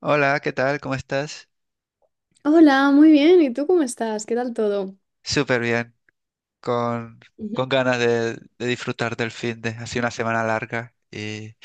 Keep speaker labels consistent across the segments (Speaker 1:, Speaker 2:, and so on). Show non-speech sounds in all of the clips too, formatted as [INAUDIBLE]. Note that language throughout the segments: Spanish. Speaker 1: Hola, ¿qué tal? ¿Cómo estás?
Speaker 2: Hola, muy bien. ¿Y tú cómo estás? ¿Qué tal todo?
Speaker 1: Súper bien, con, con
Speaker 2: [LAUGHS]
Speaker 1: ganas de disfrutar del fin de, ha sido una semana larga y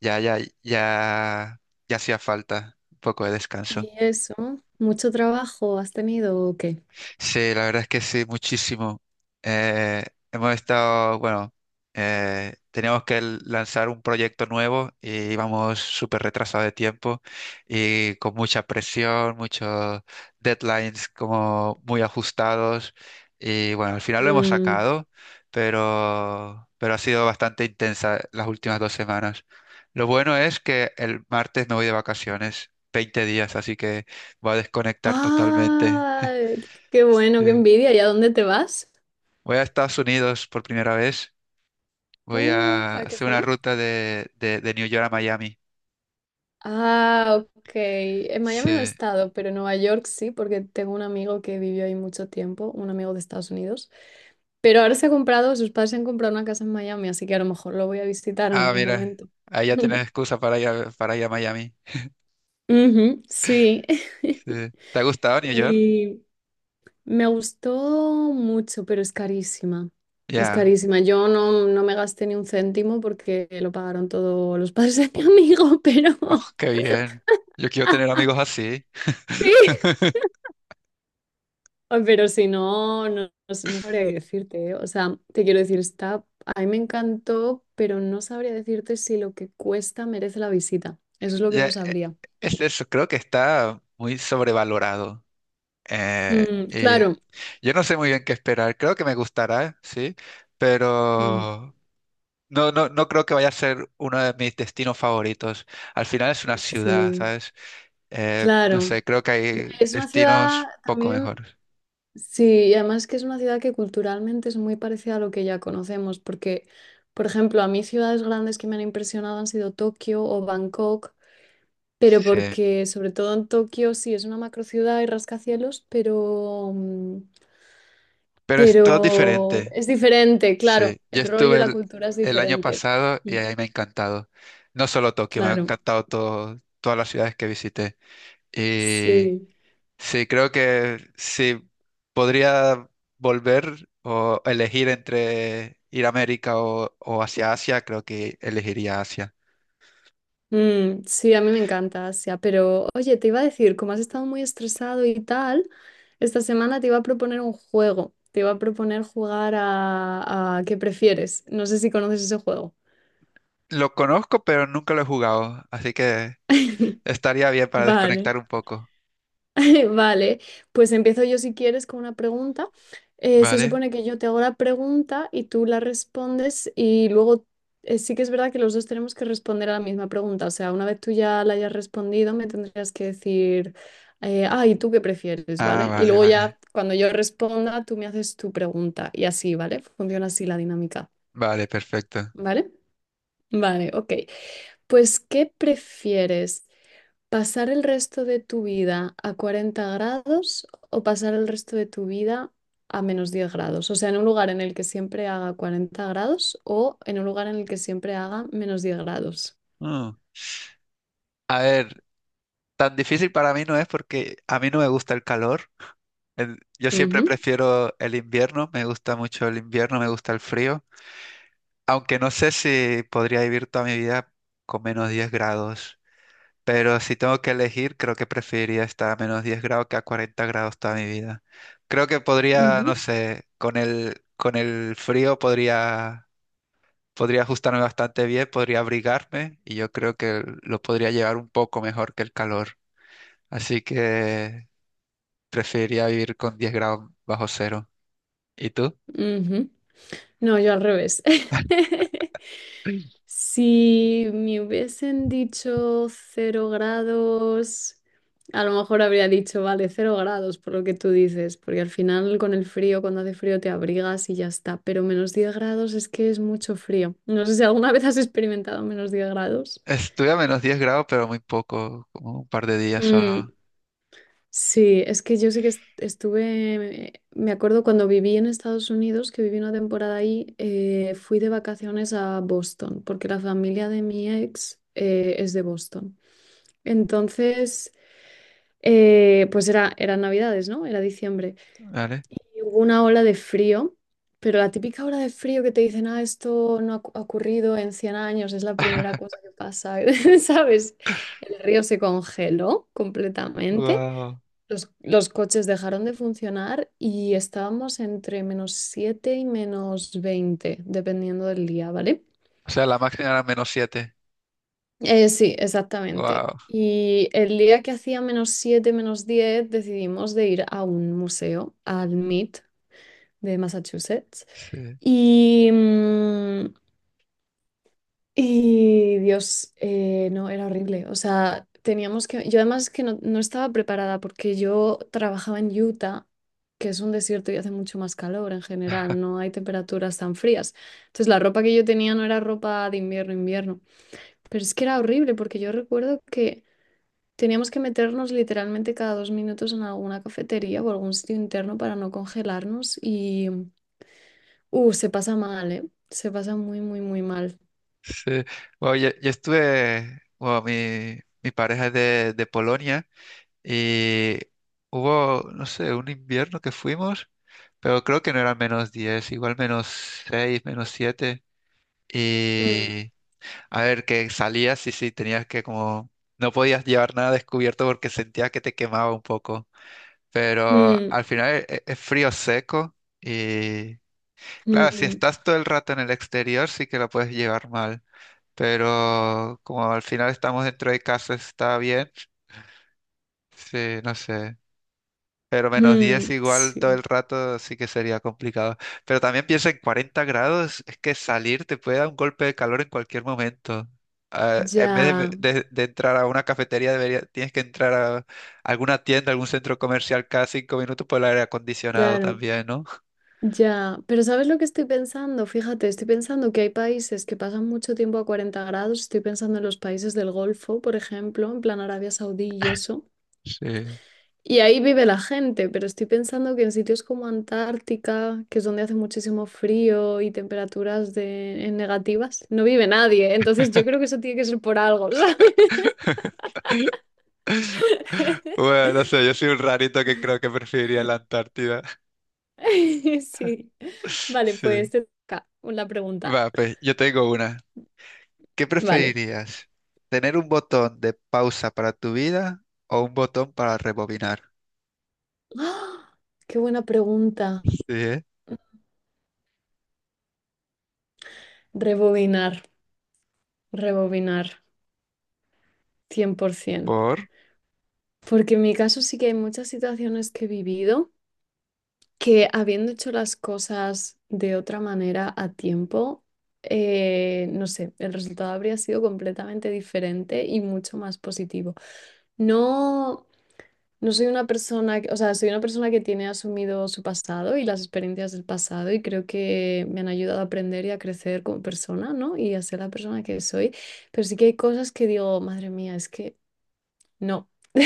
Speaker 1: ya, ya, ya, ya hacía falta un poco de descanso.
Speaker 2: Y eso, ¿mucho trabajo has tenido o qué?
Speaker 1: Sí, la verdad es que sí, muchísimo. Eh, Hemos estado, bueno, teníamos que lanzar un proyecto nuevo y íbamos súper retrasados de tiempo y con mucha presión, muchos deadlines como muy ajustados. Y bueno, al final lo hemos
Speaker 2: Mm.
Speaker 1: sacado, pero ha sido bastante intensa las últimas 2 semanas. Lo bueno es que el martes me voy de vacaciones, 20 días, así que voy a desconectar totalmente.
Speaker 2: ¡Ah! Qué bueno, qué
Speaker 1: [LAUGHS]
Speaker 2: envidia. ¿Y a dónde te vas?
Speaker 1: Voy a Estados Unidos por primera vez. Voy a
Speaker 2: ¿A qué
Speaker 1: hacer una
Speaker 2: zona?
Speaker 1: ruta de New York a Miami.
Speaker 2: Ah, ok. En Miami no he
Speaker 1: Sí.
Speaker 2: estado, pero en Nueva York sí, porque tengo un amigo que vivió ahí mucho tiempo, un amigo de Estados Unidos. Pero ahora se ha comprado, sus padres se han comprado una casa en Miami, así que a lo mejor lo voy a visitar en
Speaker 1: Ah,
Speaker 2: algún
Speaker 1: mira,
Speaker 2: momento.
Speaker 1: ahí ya tienes
Speaker 2: [LAUGHS]
Speaker 1: excusa para ir a Miami.
Speaker 2: Ujú, sí. [LAUGHS]
Speaker 1: Sí. ¿Te ha gustado New York?
Speaker 2: Y, Me gustó mucho, pero es carísima. Es
Speaker 1: Ya.
Speaker 2: carísima. Yo no, no me gasté ni un céntimo porque lo pagaron todos los [LAUGHS] padres de mi amigo, [LAUGHS] pero...
Speaker 1: Oh, qué bien. Yo quiero tener amigos así.
Speaker 2: [LAUGHS] sí.
Speaker 1: [LAUGHS]
Speaker 2: Ay, pero si no sabría qué decirte, ¿eh? O sea, te quiero decir, está... A mí me encantó, pero no sabría decirte si lo que cuesta merece la visita. Eso es lo que
Speaker 1: Ya,
Speaker 2: no sabría.
Speaker 1: es eso, creo que está muy sobrevalorado. Eh,
Speaker 2: Mm,
Speaker 1: y
Speaker 2: claro.
Speaker 1: yo no sé muy bien qué esperar. Creo que me gustará, sí,
Speaker 2: Mm,
Speaker 1: pero no, no, no creo que vaya a ser uno de mis destinos favoritos. Al final es una ciudad,
Speaker 2: sí,
Speaker 1: ¿sabes? No
Speaker 2: claro.
Speaker 1: sé, creo que
Speaker 2: Ya.
Speaker 1: hay
Speaker 2: Es una ciudad
Speaker 1: destinos poco
Speaker 2: también.
Speaker 1: mejores.
Speaker 2: Sí, y además que es una ciudad que culturalmente es muy parecida a lo que ya conocemos, porque, por ejemplo, a mí ciudades grandes que me han impresionado han sido Tokio o Bangkok, pero
Speaker 1: Sí.
Speaker 2: porque sobre todo en Tokio sí es una macrociudad y rascacielos, pero, mm,
Speaker 1: Pero es todo
Speaker 2: pero
Speaker 1: diferente.
Speaker 2: es diferente, claro,
Speaker 1: Sí. Yo
Speaker 2: el rollo,
Speaker 1: estuve
Speaker 2: la
Speaker 1: el,
Speaker 2: cultura es
Speaker 1: el año
Speaker 2: diferente.
Speaker 1: pasado y
Speaker 2: Mm,
Speaker 1: ahí me ha encantado. No solo Tokio, me ha
Speaker 2: claro,
Speaker 1: encantado todo, todas las ciudades que visité. Y
Speaker 2: sí.
Speaker 1: sí, creo que sí podría volver o elegir entre ir a América o hacia Asia, creo que elegiría Asia.
Speaker 2: Mm, sí, a mí me encanta Asia, pero oye, te iba a decir, como has estado muy estresado y tal, esta semana te iba a proponer un juego, te iba a proponer jugar a ¿qué prefieres? No sé si conoces ese juego.
Speaker 1: Lo conozco, pero nunca lo he jugado, así que estaría bien para
Speaker 2: Vale.
Speaker 1: desconectar un poco.
Speaker 2: [LAUGHS] Vale, pues empiezo yo si quieres con una pregunta. Se
Speaker 1: ¿Vale?
Speaker 2: supone que yo te hago la pregunta y tú la respondes y luego, sí que es verdad que los dos tenemos que responder a la misma pregunta. O sea, una vez tú ya la hayas respondido, me tendrías que decir, ah, ¿y tú qué prefieres?
Speaker 1: Ah,
Speaker 2: ¿Vale? Y
Speaker 1: vale,
Speaker 2: luego
Speaker 1: vale.
Speaker 2: ya cuando yo responda, tú me haces tu pregunta y así, ¿vale? Funciona así la dinámica,
Speaker 1: Vale, perfecto.
Speaker 2: ¿vale? Vale, ok. Pues, ¿qué prefieres? ¿Pasar el resto de tu vida a 40 grados o pasar el resto de tu vida a -10 grados? O sea, en un lugar en el que siempre haga 40 grados o en un lugar en el que siempre haga -10 grados.
Speaker 1: Mm. A ver, tan difícil para mí no es porque a mí no me gusta el calor. Yo siempre
Speaker 2: Ujú,
Speaker 1: prefiero el invierno, me gusta mucho el invierno, me gusta el frío, aunque no sé si podría vivir toda mi vida con menos 10 grados. Pero si tengo que elegir, creo que preferiría estar a menos 10 grados que a 40 grados toda mi vida. Creo que podría,
Speaker 2: ujú,
Speaker 1: no sé, con el frío podría ajustarme bastante bien, podría abrigarme y yo creo que lo podría llevar un poco mejor que el calor. Así que preferiría vivir con 10 grados bajo cero. ¿Y tú?
Speaker 2: ujú. No, yo al revés. [LAUGHS] Si me hubiesen dicho 0 grados, a lo mejor habría dicho, vale, 0 grados, por lo que tú dices, porque al final con el frío, cuando hace frío te abrigas y ya está, pero -10 grados es que es mucho frío. No sé si alguna [LAUGHS] vez has experimentado -10 grados.
Speaker 1: Estuve a menos 10 grados, pero muy poco, como un par de días solo,
Speaker 2: Mm. Sí, es que yo sé que estuve, me acuerdo cuando viví en Estados Unidos, que viví una temporada ahí, fui de vacaciones a Boston, porque la familia de mi ex es de Boston. Entonces, pues era, eran Navidades, ¿no? Era diciembre.
Speaker 1: ¿vale?
Speaker 2: Y hubo una ola de frío, pero la típica ola de frío que te dicen, ah, esto no ha ha ocurrido en 100 años, es la primera cosa que pasa, [LAUGHS] ¿sabes? El río se congeló completamente.
Speaker 1: Wow.
Speaker 2: Los coches dejaron de funcionar y estábamos entre -7 y -20 dependiendo del día, ¿vale?
Speaker 1: O sea, la máxima era menos 7.
Speaker 2: Sí, exactamente.
Speaker 1: Wow.
Speaker 2: Y el día que hacía -7 -10 decidimos de ir a un museo, al MIT de Massachusetts. Y, mm, Y Dios, no, era horrible. O sea, teníamos que... Yo además que no estaba preparada porque yo trabajaba en Utah, que es un desierto y hace mucho más calor en general, no hay temperaturas tan frías. Entonces la ropa que yo tenía no era ropa de invierno, invierno. Pero es que era horrible porque yo recuerdo que teníamos que meternos literalmente cada 2 minutos en alguna cafetería o algún sitio interno para no congelarnos y... se pasa mal, ¿eh? Se pasa muy, muy, muy mal.
Speaker 1: Sí. Bueno, yo estuve, bueno, mi pareja es de Polonia y hubo, no sé, un invierno que fuimos, pero creo que no era menos 10, igual menos 6, menos 7.
Speaker 2: Mm,
Speaker 1: Y a ver, que salías y sí, tenías que como, no podías llevar nada descubierto porque sentías que te quemaba un poco, pero
Speaker 2: mm,
Speaker 1: al final es frío seco y claro, si
Speaker 2: mm.
Speaker 1: estás todo el rato en el exterior sí que lo puedes llevar mal, pero como al final estamos dentro de casa está bien, sí, no sé. Pero menos 10
Speaker 2: Mm,
Speaker 1: igual todo el
Speaker 2: sí,
Speaker 1: rato sí que sería complicado. Pero también piensa en 40 grados, es que salir te puede dar un golpe de calor en cualquier momento. Ah, en vez de,
Speaker 2: ya,
Speaker 1: de- de entrar a una cafetería, debería, tienes que entrar a alguna tienda, algún centro comercial cada 5 minutos por el aire acondicionado
Speaker 2: claro,
Speaker 1: también, ¿no?
Speaker 2: ya. Pero ¿sabes lo que estoy pensando? Fíjate, estoy pensando que hay países que pasan mucho tiempo a 40 grados. Estoy pensando en los países del Golfo, por ejemplo, en plan Arabia Saudí y eso.
Speaker 1: Sí.
Speaker 2: Y ahí vive la gente, pero estoy pensando que en sitios como Antártica, que es donde hace muchísimo frío y temperaturas de, en negativas, no vive nadie. Entonces yo creo que eso tiene que ser por algo, ¿sabes?
Speaker 1: [LAUGHS]
Speaker 2: [LAUGHS]
Speaker 1: Bueno, no sé, yo soy un rarito que creo que preferiría la Antártida.
Speaker 2: Sí.
Speaker 1: [LAUGHS]
Speaker 2: Vale,
Speaker 1: Sí.
Speaker 2: pues te toca una pregunta.
Speaker 1: Va, pues yo tengo una. ¿Qué
Speaker 2: Vale.
Speaker 1: preferirías? ¿Tener un botón de pausa para tu vida o un botón para rebobinar?
Speaker 2: ¡Ah! ¡Qué buena pregunta!
Speaker 1: Sí, ¿eh?
Speaker 2: Rebobinar, rebobinar, 100%.
Speaker 1: Por...
Speaker 2: Porque en mi caso sí que hay muchas situaciones que he vivido que habiendo hecho las cosas de otra manera a tiempo, no sé, el resultado habría sido completamente diferente y mucho más positivo. No, no soy una persona, o sea, soy una persona que tiene asumido su pasado y las experiencias del pasado y creo que me han ayudado a aprender y a crecer como persona, ¿no? Y a ser la persona que soy. Pero sí que hay cosas que digo, madre mía, es que no. [LAUGHS]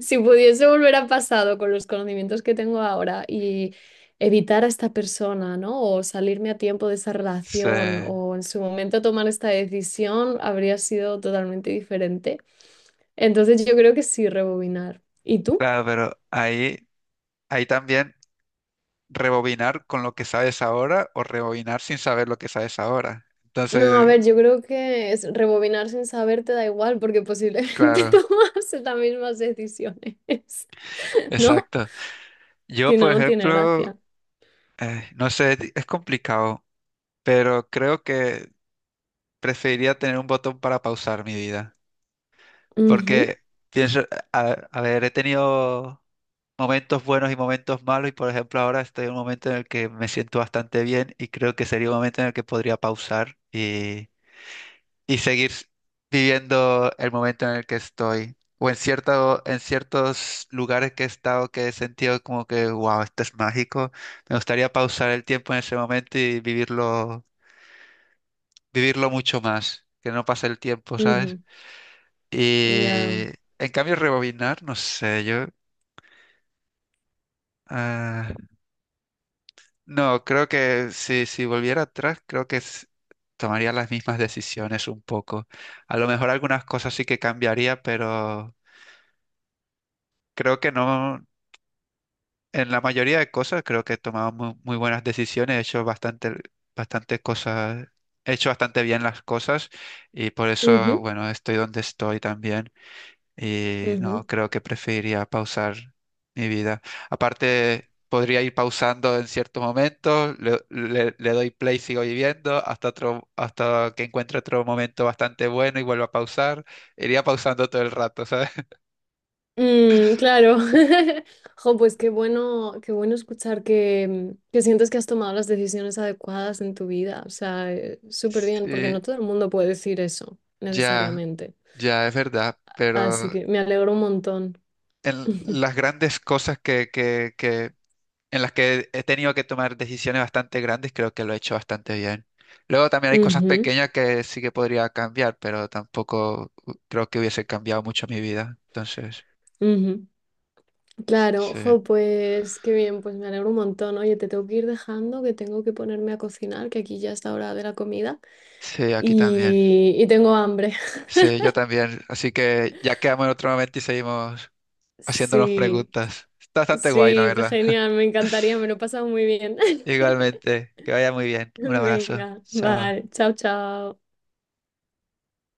Speaker 2: Si pudiese volver al pasado con los conocimientos que tengo ahora y evitar a esta persona, ¿no? O salirme a tiempo de esa
Speaker 1: Sí.
Speaker 2: relación o en su momento tomar esta decisión, habría sido totalmente diferente. Entonces yo creo que sí, rebobinar. ¿Y tú?
Speaker 1: Claro, pero ahí también rebobinar con lo que sabes ahora o rebobinar sin saber lo que sabes ahora.
Speaker 2: No, a
Speaker 1: Entonces,
Speaker 2: ver, yo creo que es rebobinar sin saber te da igual porque posiblemente [LAUGHS]
Speaker 1: claro,
Speaker 2: tomas las mismas decisiones, [LAUGHS] ¿no?
Speaker 1: exacto. Yo,
Speaker 2: Si no,
Speaker 1: por
Speaker 2: no tiene
Speaker 1: ejemplo,
Speaker 2: gracia.
Speaker 1: no sé, es complicado, pero creo que preferiría tener un botón para pausar mi vida.
Speaker 2: Ujú,
Speaker 1: Porque pienso, a ver, he tenido momentos buenos y momentos malos y por ejemplo ahora estoy en un momento en el que me siento bastante bien y creo que sería un momento en el que podría pausar y seguir viviendo el momento en el que estoy. O en ciertos lugares que he estado que he sentido como que, wow, esto es mágico. Me gustaría pausar el tiempo en ese momento y vivirlo, vivirlo mucho más, que no pase el tiempo, ¿sabes?
Speaker 2: ujú, ya.
Speaker 1: Y en cambio, rebobinar, no sé, yo. Ah, no, creo que si volviera atrás, creo que tomaría las mismas decisiones un poco. A lo mejor algunas cosas sí que cambiaría, pero creo que no. En la mayoría de cosas creo que he tomado muy buenas decisiones, he hecho bastante cosas, he hecho bastante bien las cosas y por eso,
Speaker 2: Ujú,
Speaker 1: bueno, estoy donde estoy también. Y no,
Speaker 2: ujú.
Speaker 1: creo que preferiría pausar mi vida. Aparte, podría ir pausando en ciertos momentos, le doy play, sigo viviendo, hasta otro, hasta que encuentre otro momento bastante bueno y vuelvo a pausar. Iría pausando todo el rato, ¿sabes? [LAUGHS]
Speaker 2: Mm, claro. [LAUGHS] Jo, pues qué bueno escuchar que sientes que has tomado las decisiones adecuadas en tu vida. O sea, súper bien, porque
Speaker 1: Sí,
Speaker 2: no todo el mundo puede decir eso
Speaker 1: ya,
Speaker 2: necesariamente.
Speaker 1: ya es verdad,
Speaker 2: Así
Speaker 1: pero
Speaker 2: que me alegro un montón.
Speaker 1: en las
Speaker 2: [LAUGHS]
Speaker 1: grandes cosas que en las que he tenido que tomar decisiones bastante grandes, creo que lo he hecho bastante bien. Luego también hay cosas
Speaker 2: Ujú,
Speaker 1: pequeñas que sí que podría cambiar, pero tampoco creo que hubiese cambiado mucho mi vida. Entonces,
Speaker 2: ujú. Claro,
Speaker 1: sí,
Speaker 2: jo, pues qué bien, pues me alegro un montón. Oye, te tengo que ir dejando, que tengo que ponerme a cocinar, que aquí ya es la hora de la comida
Speaker 1: sí, aquí también.
Speaker 2: y tengo hambre. [LAUGHS]
Speaker 1: Sí, yo también. Así que ya quedamos en otro momento y seguimos haciéndonos
Speaker 2: Sí,
Speaker 1: preguntas. Está bastante guay, la
Speaker 2: sí, pues
Speaker 1: verdad.
Speaker 2: genial,
Speaker 1: [LAUGHS]
Speaker 2: me encantaría, me lo he pasado muy bien. [LAUGHS]
Speaker 1: Igualmente, que vaya muy bien. Un abrazo.
Speaker 2: Venga,
Speaker 1: Chao.
Speaker 2: vale, chao, chao.